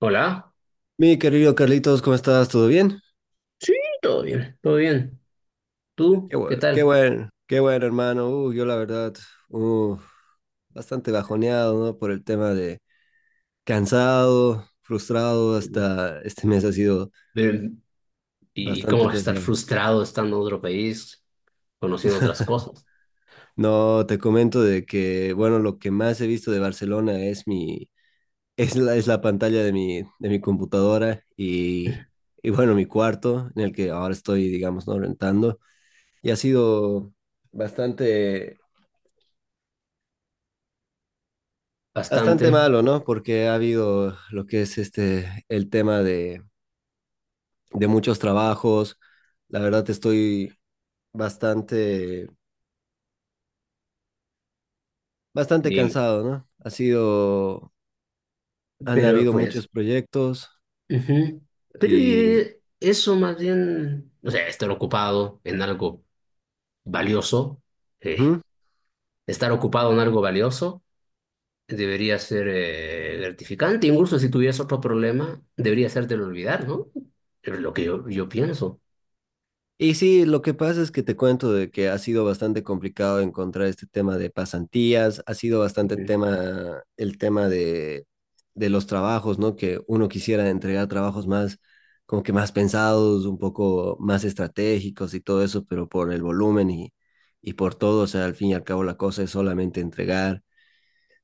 Hola. Mi querido Carlitos, ¿cómo estás? ¿Todo bien? Sí, todo bien, todo bien. ¿Tú Qué qué bueno, qué tal? bueno, qué bueno, hermano. Yo la verdad, uh, bastante bajoneado, ¿no? Por el tema de cansado, frustrado, hasta este mes ha sido De- ¿Y cómo bastante vas a estar pesado. frustrado estando en otro país, conociendo otras cosas? No, te comento de que, bueno, lo que más he visto de Barcelona es es la pantalla de de mi computadora y bueno, mi cuarto en el que ahora estoy, digamos, ¿no? Rentando. Y ha sido bastante. Bastante, Bastante malo, ¿no? Porque ha habido lo que es este, el tema de muchos trabajos. La verdad estoy bastante, bastante dime. cansado, ¿no? Ha sido, han Pero habido muchos pues, proyectos ujú. Pero y... eso más bien, o sea, valioso, eh, ¿Mm? estar ocupado en algo valioso, debería ser gratificante. Incluso si tuvieras otro problema, debería hacértelo olvidar, ¿no? Es lo que yo pienso. Y sí, lo que pasa es que te cuento de que ha sido bastante complicado encontrar este tema de pasantías, ha sido bastante Ujú. tema, el tema de los trabajos, ¿no? Que uno quisiera entregar trabajos más, como que más pensados, un poco más estratégicos y todo eso, pero por el volumen y por todo, o sea, al fin y al cabo la cosa es solamente entregar.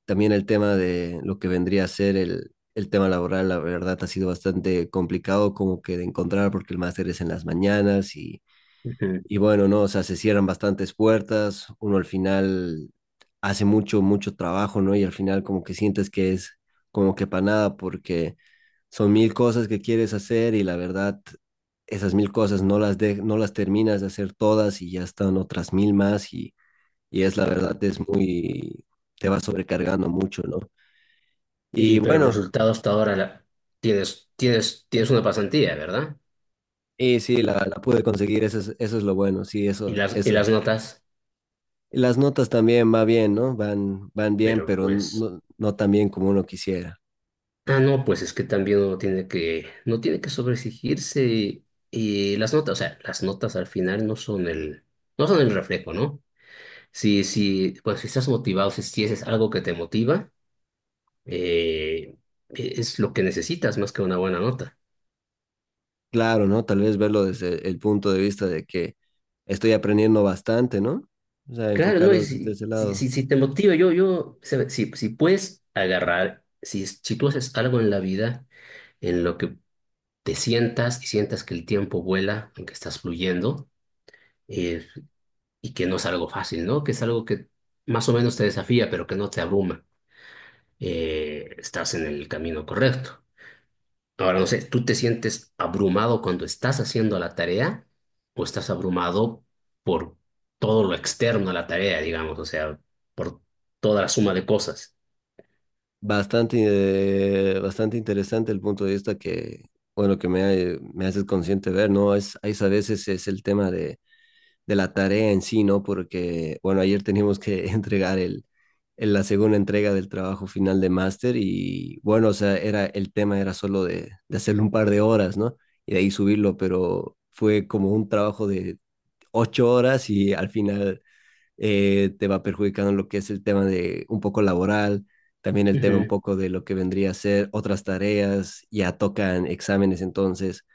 También el tema de lo que vendría a ser el tema laboral, la verdad, ha sido bastante complicado como que de encontrar porque el máster es en las mañanas y Ujú. y bueno, no, o sea, se cierran bastantes puertas, uno al final hace mucho, mucho trabajo, ¿no? Y al final como que sientes que es como que para nada porque son mil cosas que quieres hacer y la verdad esas mil cosas no las terminas de hacer todas y ya están otras mil más y es la verdad, es muy, te va sobrecargando mucho, ¿no? Y Y, pero el bueno, resultado hasta ahora tienes una pasantía, ¿verdad? y sí, la pude conseguir, eso es lo bueno, sí, Y eso, las, y eso. las notas, Las notas también va bien, ¿no? Van, van bien, pero pero pues, no, no tan bien como uno quisiera. ah, no, pues es que también uno tiene que, no tiene que sobreexigirse y las notas, o sea, las notas al final no son el reflejo, ¿no? Si, pues si estás motivado, si es algo que te motiva, eh, es lo que necesitas más que una buena nota. Claro, ¿no? Tal vez verlo desde el punto de vista de que estoy aprendiendo bastante, ¿no? O sea, Claro, no, y enfocarlo desde si, ese si, lado. si, si te motiva, sabe, si puedes agarrar, si tú haces algo en la vida en lo que te sientas y sientas que el tiempo vuela, en que estás fluyendo, eh, y que no es algo fácil, ¿no? Que es algo que más o menos te desafía, pero que no te abruma, estás en el camino correcto. Ahora, no sé, ¿tú te sientes abrumado cuando estás haciendo la tarea o estás abrumado por todo lo externo a la tarea, digamos, o sea, por toda la suma de cosas? Bastante, bastante interesante el punto de vista que, bueno, que me, me haces consciente ver, ¿no? Es, hay a veces es el tema de la tarea en sí, ¿no? Porque, bueno, ayer teníamos que entregar la segunda entrega del trabajo final de máster y, bueno, o sea, era, el tema era solo de hacerlo un par de horas, ¿no? Y de ahí subirlo, pero fue como un trabajo de ocho horas y al final te va perjudicando lo que es el tema de un poco laboral. También el tema un Ujú. poco de lo que vendría a ser otras tareas, ya tocan exámenes, entonces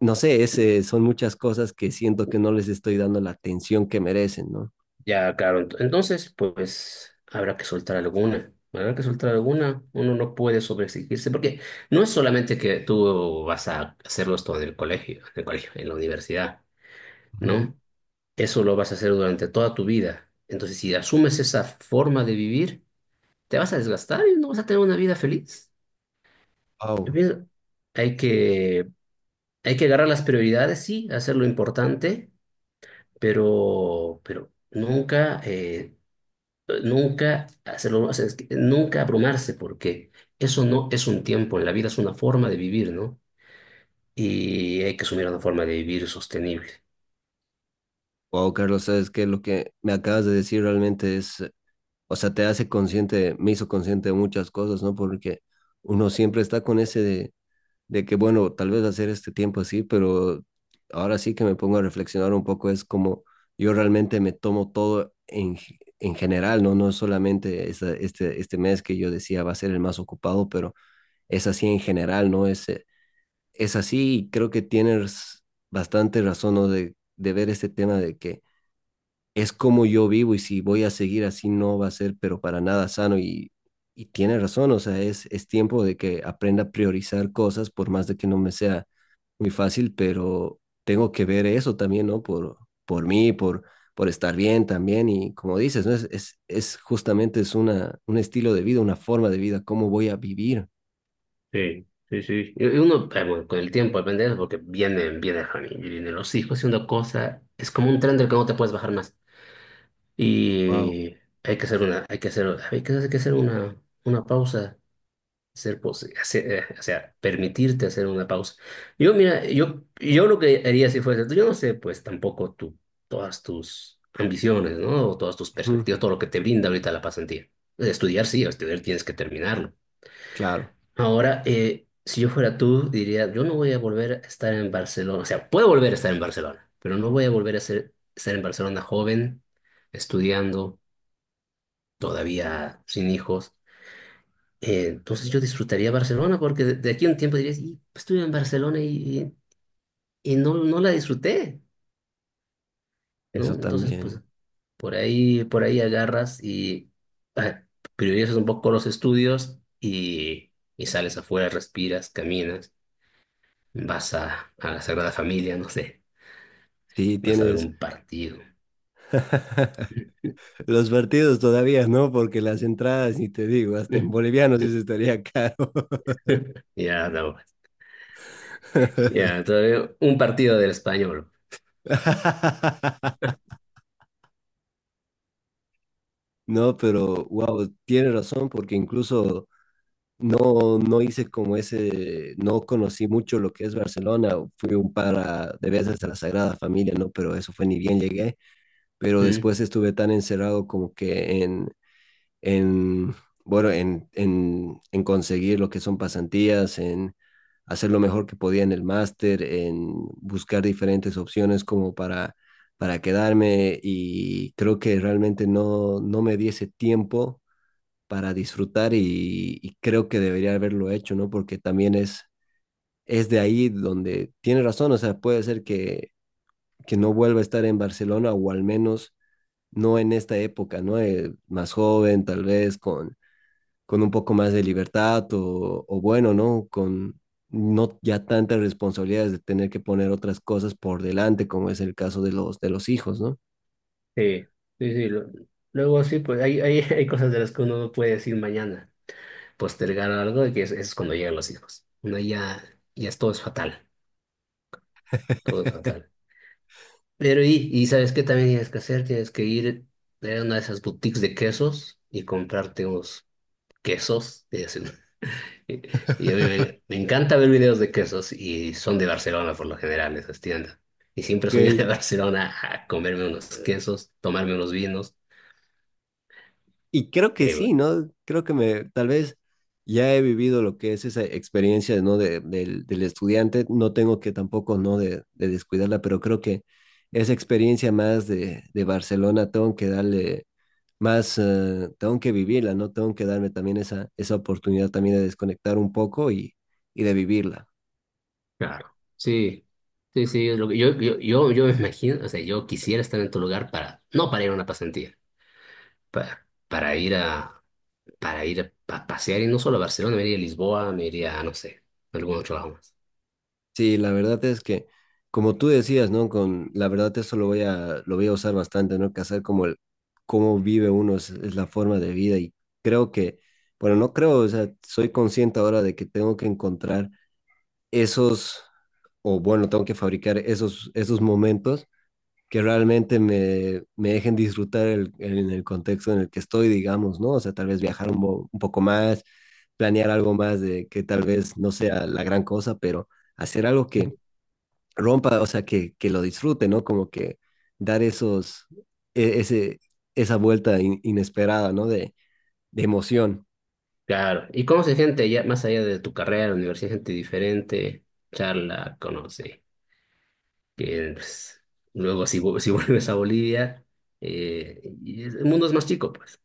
no sé, ese, son muchas cosas que siento que no les estoy dando la atención que merecen, ¿no? Ya, claro, entonces, pues habrá que soltar alguna, uno no puede sobreexigirse, porque no es solamente que tú vas a hacerlo esto en el colegio, en la universidad, Ujú. ¿no? Eso lo vas a hacer durante toda tu vida. Entonces, si asumes esa forma de vivir, te vas a desgastar y no vas a tener una vida feliz. Yo Wow. pienso, hay que, hay que agarrar las prioridades, sí, hacer lo importante, pero nunca, nunca hacerlo, o sea, es que nunca abrumarse, porque eso no es un tiempo, en la vida es una forma de vivir, ¿no? Y hay que asumir una forma de vivir sostenible. Wow, Carlos, sabes que lo que me acabas de decir realmente es, o sea, te hace consciente, me hizo consciente de muchas cosas, ¿no? Porque uno siempre está con ese de que, bueno, tal vez hacer este tiempo así, pero ahora sí que me pongo a reflexionar un poco, es como yo realmente me tomo todo en, en general, ¿no? No es solamente este, este mes que yo decía va a ser el más ocupado, pero es así en general, ¿no? Es así y creo que tienes bastante razón, ¿no? De ver este tema de que es como yo vivo y si voy a seguir así no va a ser, pero para nada sano y tiene razón, o sea, es tiempo de que aprenda a priorizar cosas por más de que no me sea muy fácil, pero tengo que ver eso también, ¿no? Por mí, por estar bien también y como dices, ¿no? Es justamente es una, un estilo de vida, una forma de vida, cómo voy a vivir. Sí, sí, sí. Y uno, bueno, con el tiempo depende de eso, porque vienen, viene la familia, vienen los hijos y una cosa, es como un tren del que no te puedes bajar más. Wow. Y hay que hacer una pausa, o sea, permitirte hacer una pausa. Yo, mira, yo lo que haría si fuese tú, yo no sé, pues tampoco tú, todas tus ambiciones, ¿no? O todas tus Ujú. perspectivas, todo lo que te brinda ahorita la pasantía. Estudiar, sí, estudiar tienes que terminarlo. Claro, Ahora, si yo fuera tú, diría, yo no voy a volver a estar en Barcelona, o sea, puedo volver a estar en Barcelona, pero no voy a volver a ser, estar en Barcelona joven, estudiando todavía sin hijos. Entonces yo disfrutaría Barcelona porque de aquí a un tiempo dirías, y, pues, estuve en Barcelona y no, no la disfruté, ¿no? eso Entonces, también. pues por ahí agarras y ah, priorizas un poco los estudios y sales afuera, respiras, caminas, vas a la Sagrada Familia, no sé, Sí, vas a ver tienes un partido. los partidos todavía, ¿no? Porque las entradas, ni te digo, hasta en bolivianos eso estaría caro. Ya, no, ya, todavía un partido del Español. No, pero wow, tiene razón, porque incluso no, no hice como ese, no conocí mucho lo que es Barcelona, fui un par de veces a la Sagrada Familia, ¿no? Pero eso fue ni bien llegué, pero Mm. después estuve tan encerrado como que en, bueno, en conseguir lo que son pasantías, en hacer lo mejor que podía en el máster, en buscar diferentes opciones como para quedarme y creo que realmente no, no me di ese tiempo para disfrutar y creo que debería haberlo hecho, ¿no? Porque también es de ahí donde tiene razón, o sea, puede ser que no vuelva a estar en Barcelona o al menos no en esta época, ¿no? Más joven, tal vez, con un poco más de libertad o bueno, ¿no? Con no ya tantas responsabilidades de tener que poner otras cosas por delante, como es el caso de de los hijos, ¿no? Sí, sí, sí. Luego sí, pues hay, hay cosas de las que uno no puede decir mañana, postergar algo, y que es, cuando llegan los hijos. Uno ya es, todo es fatal, todo es fatal. Pero y ¿sabes qué también tienes que hacer? Tienes que ir a una de esas boutiques de quesos y comprarte unos quesos. Y, así. Y- y a mí me, me encanta ver videos de quesos y son de Barcelona por lo general, esas tiendas. Y siempre Ok. soy de Barcelona a comerme unos quesos, tomarme unos vinos. Y creo que sí, ¿no? Creo que me, tal vez ya he vivido lo que es esa experiencia, ¿no? Del estudiante, no tengo que tampoco, ¿no? De descuidarla, pero creo que esa experiencia más de Barcelona tengo que darle más, tengo que vivirla, ¿no? Tengo que darme también esa oportunidad también de desconectar un poco y de vivirla. Claro, sí, sí, sí, es lo que yo me imagino, o sea, yo quisiera estar en tu lugar para, no para ir a una pasantía, para, para ir a, para ir a pasear y no solo a Barcelona, me iría a Lisboa, me iría a, no sé, a algún otro lado más. Sí, la verdad es que, como tú decías, ¿no? Con la verdad eso lo voy a usar bastante, ¿no? Que hacer como el, cómo vive uno es la forma de vida y creo que, bueno, no creo, o sea, soy consciente ahora de que tengo que encontrar esos, o bueno, tengo que fabricar esos, esos momentos que realmente me, me dejen disfrutar en el contexto en el que estoy, digamos, ¿no? O sea, tal vez viajar un poco más, planear algo más de que tal vez no sea la gran cosa, pero hacer algo que rompa, o sea, que lo disfrute, ¿no? Como que dar esos, ese, esa vuelta inesperada, ¿no? De emoción. Claro, ¿y conoces gente allá, más allá de tu carrera, universidad, gente diferente, charla, conoce, que pues, luego si, si vuelves a Bolivia, y el mundo es más chico, pues?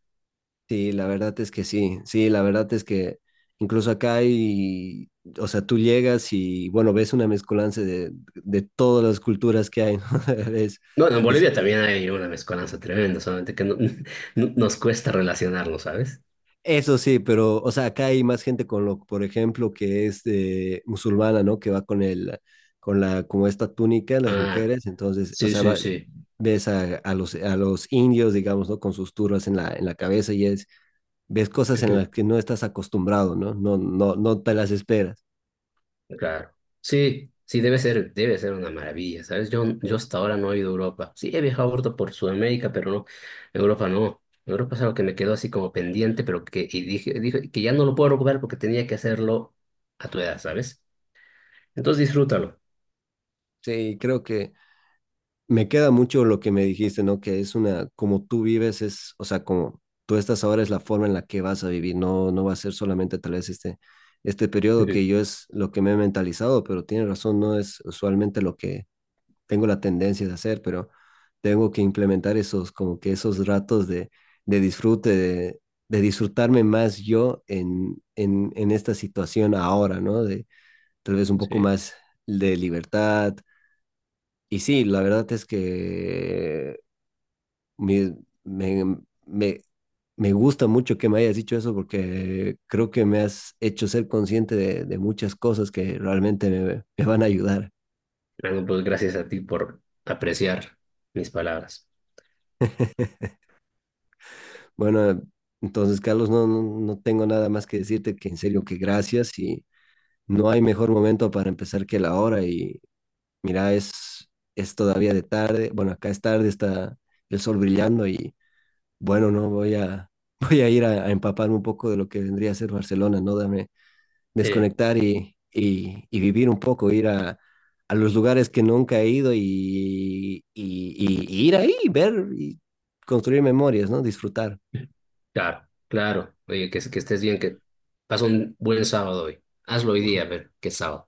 Sí, la verdad es que sí, sí, la verdad es que incluso acá hay, o sea, tú llegas y, bueno, ves una mezcolanza de todas las culturas que hay, ¿no? Ves, No, en ves Bolivia gente. también hay una mezcolanza tremenda, solamente que nos cuesta relacionarlo, ¿sabes? Eso sí, pero, o sea, acá hay más gente con lo, por ejemplo, que es musulmana, ¿no? Que va con con la, como esta túnica, las Ah, mujeres, entonces, o sí, sea, sí, sí. ves a los indios, digamos, ¿no? Con sus turbas en la cabeza y es, ves cosas en Ujú. las que no estás acostumbrado, ¿no? No, no, no te las esperas. Claro. Sí, sí, debe ser una maravilla, ¿sabes? Yo hasta ahora no he ido a Europa. Sí, he viajado ahorita por Sudamérica, pero no, Europa no. Europa es algo que me quedó así como pendiente, pero que, y dije, que ya no lo puedo recuperar porque tenía que hacerlo a tu edad, ¿sabes? Entonces disfrútalo. Sí, creo que me queda mucho lo que me dijiste, ¿no? Que es una, como tú vives, es, o sea, como tú estás ahora es la forma en la que vas a vivir, no, no va a ser solamente tal vez este, este periodo Ujú. que yo es lo que me he mentalizado, pero tienes razón, no es usualmente lo que tengo la tendencia de hacer, pero tengo que implementar esos, como que esos ratos de disfrute, de disfrutarme más yo en esta situación ahora, ¿no? De tal vez un poco Sí. más de libertad, y sí, la verdad es que me, me, me, me gusta mucho que me hayas dicho eso porque creo que me has hecho ser consciente de muchas cosas que realmente me, me van a ayudar. Bueno, pues gracias a ti por apreciar mis palabras. Bueno, entonces, Carlos, no, no, no tengo nada más que decirte que en serio que gracias y no hay mejor momento para empezar que la hora y mira, es todavía de tarde, bueno, acá es tarde, está el sol brillando y bueno, no, voy a, voy a ir a empaparme un poco de lo que vendría a ser Barcelona, ¿no? Dame Eh. desconectar y vivir un poco, ir a los lugares que nunca he ido y ir ahí, ver y construir memorias, ¿no? Disfrutar. Claro, claro. Oye, que estés bien, que pasa un buen sábado hoy. Hazlo hoy día, a ver, qué sábado.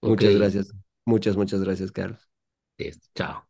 Ok, Muchas gracias. Muchas, muchas gracias, Carlos. listo, chao.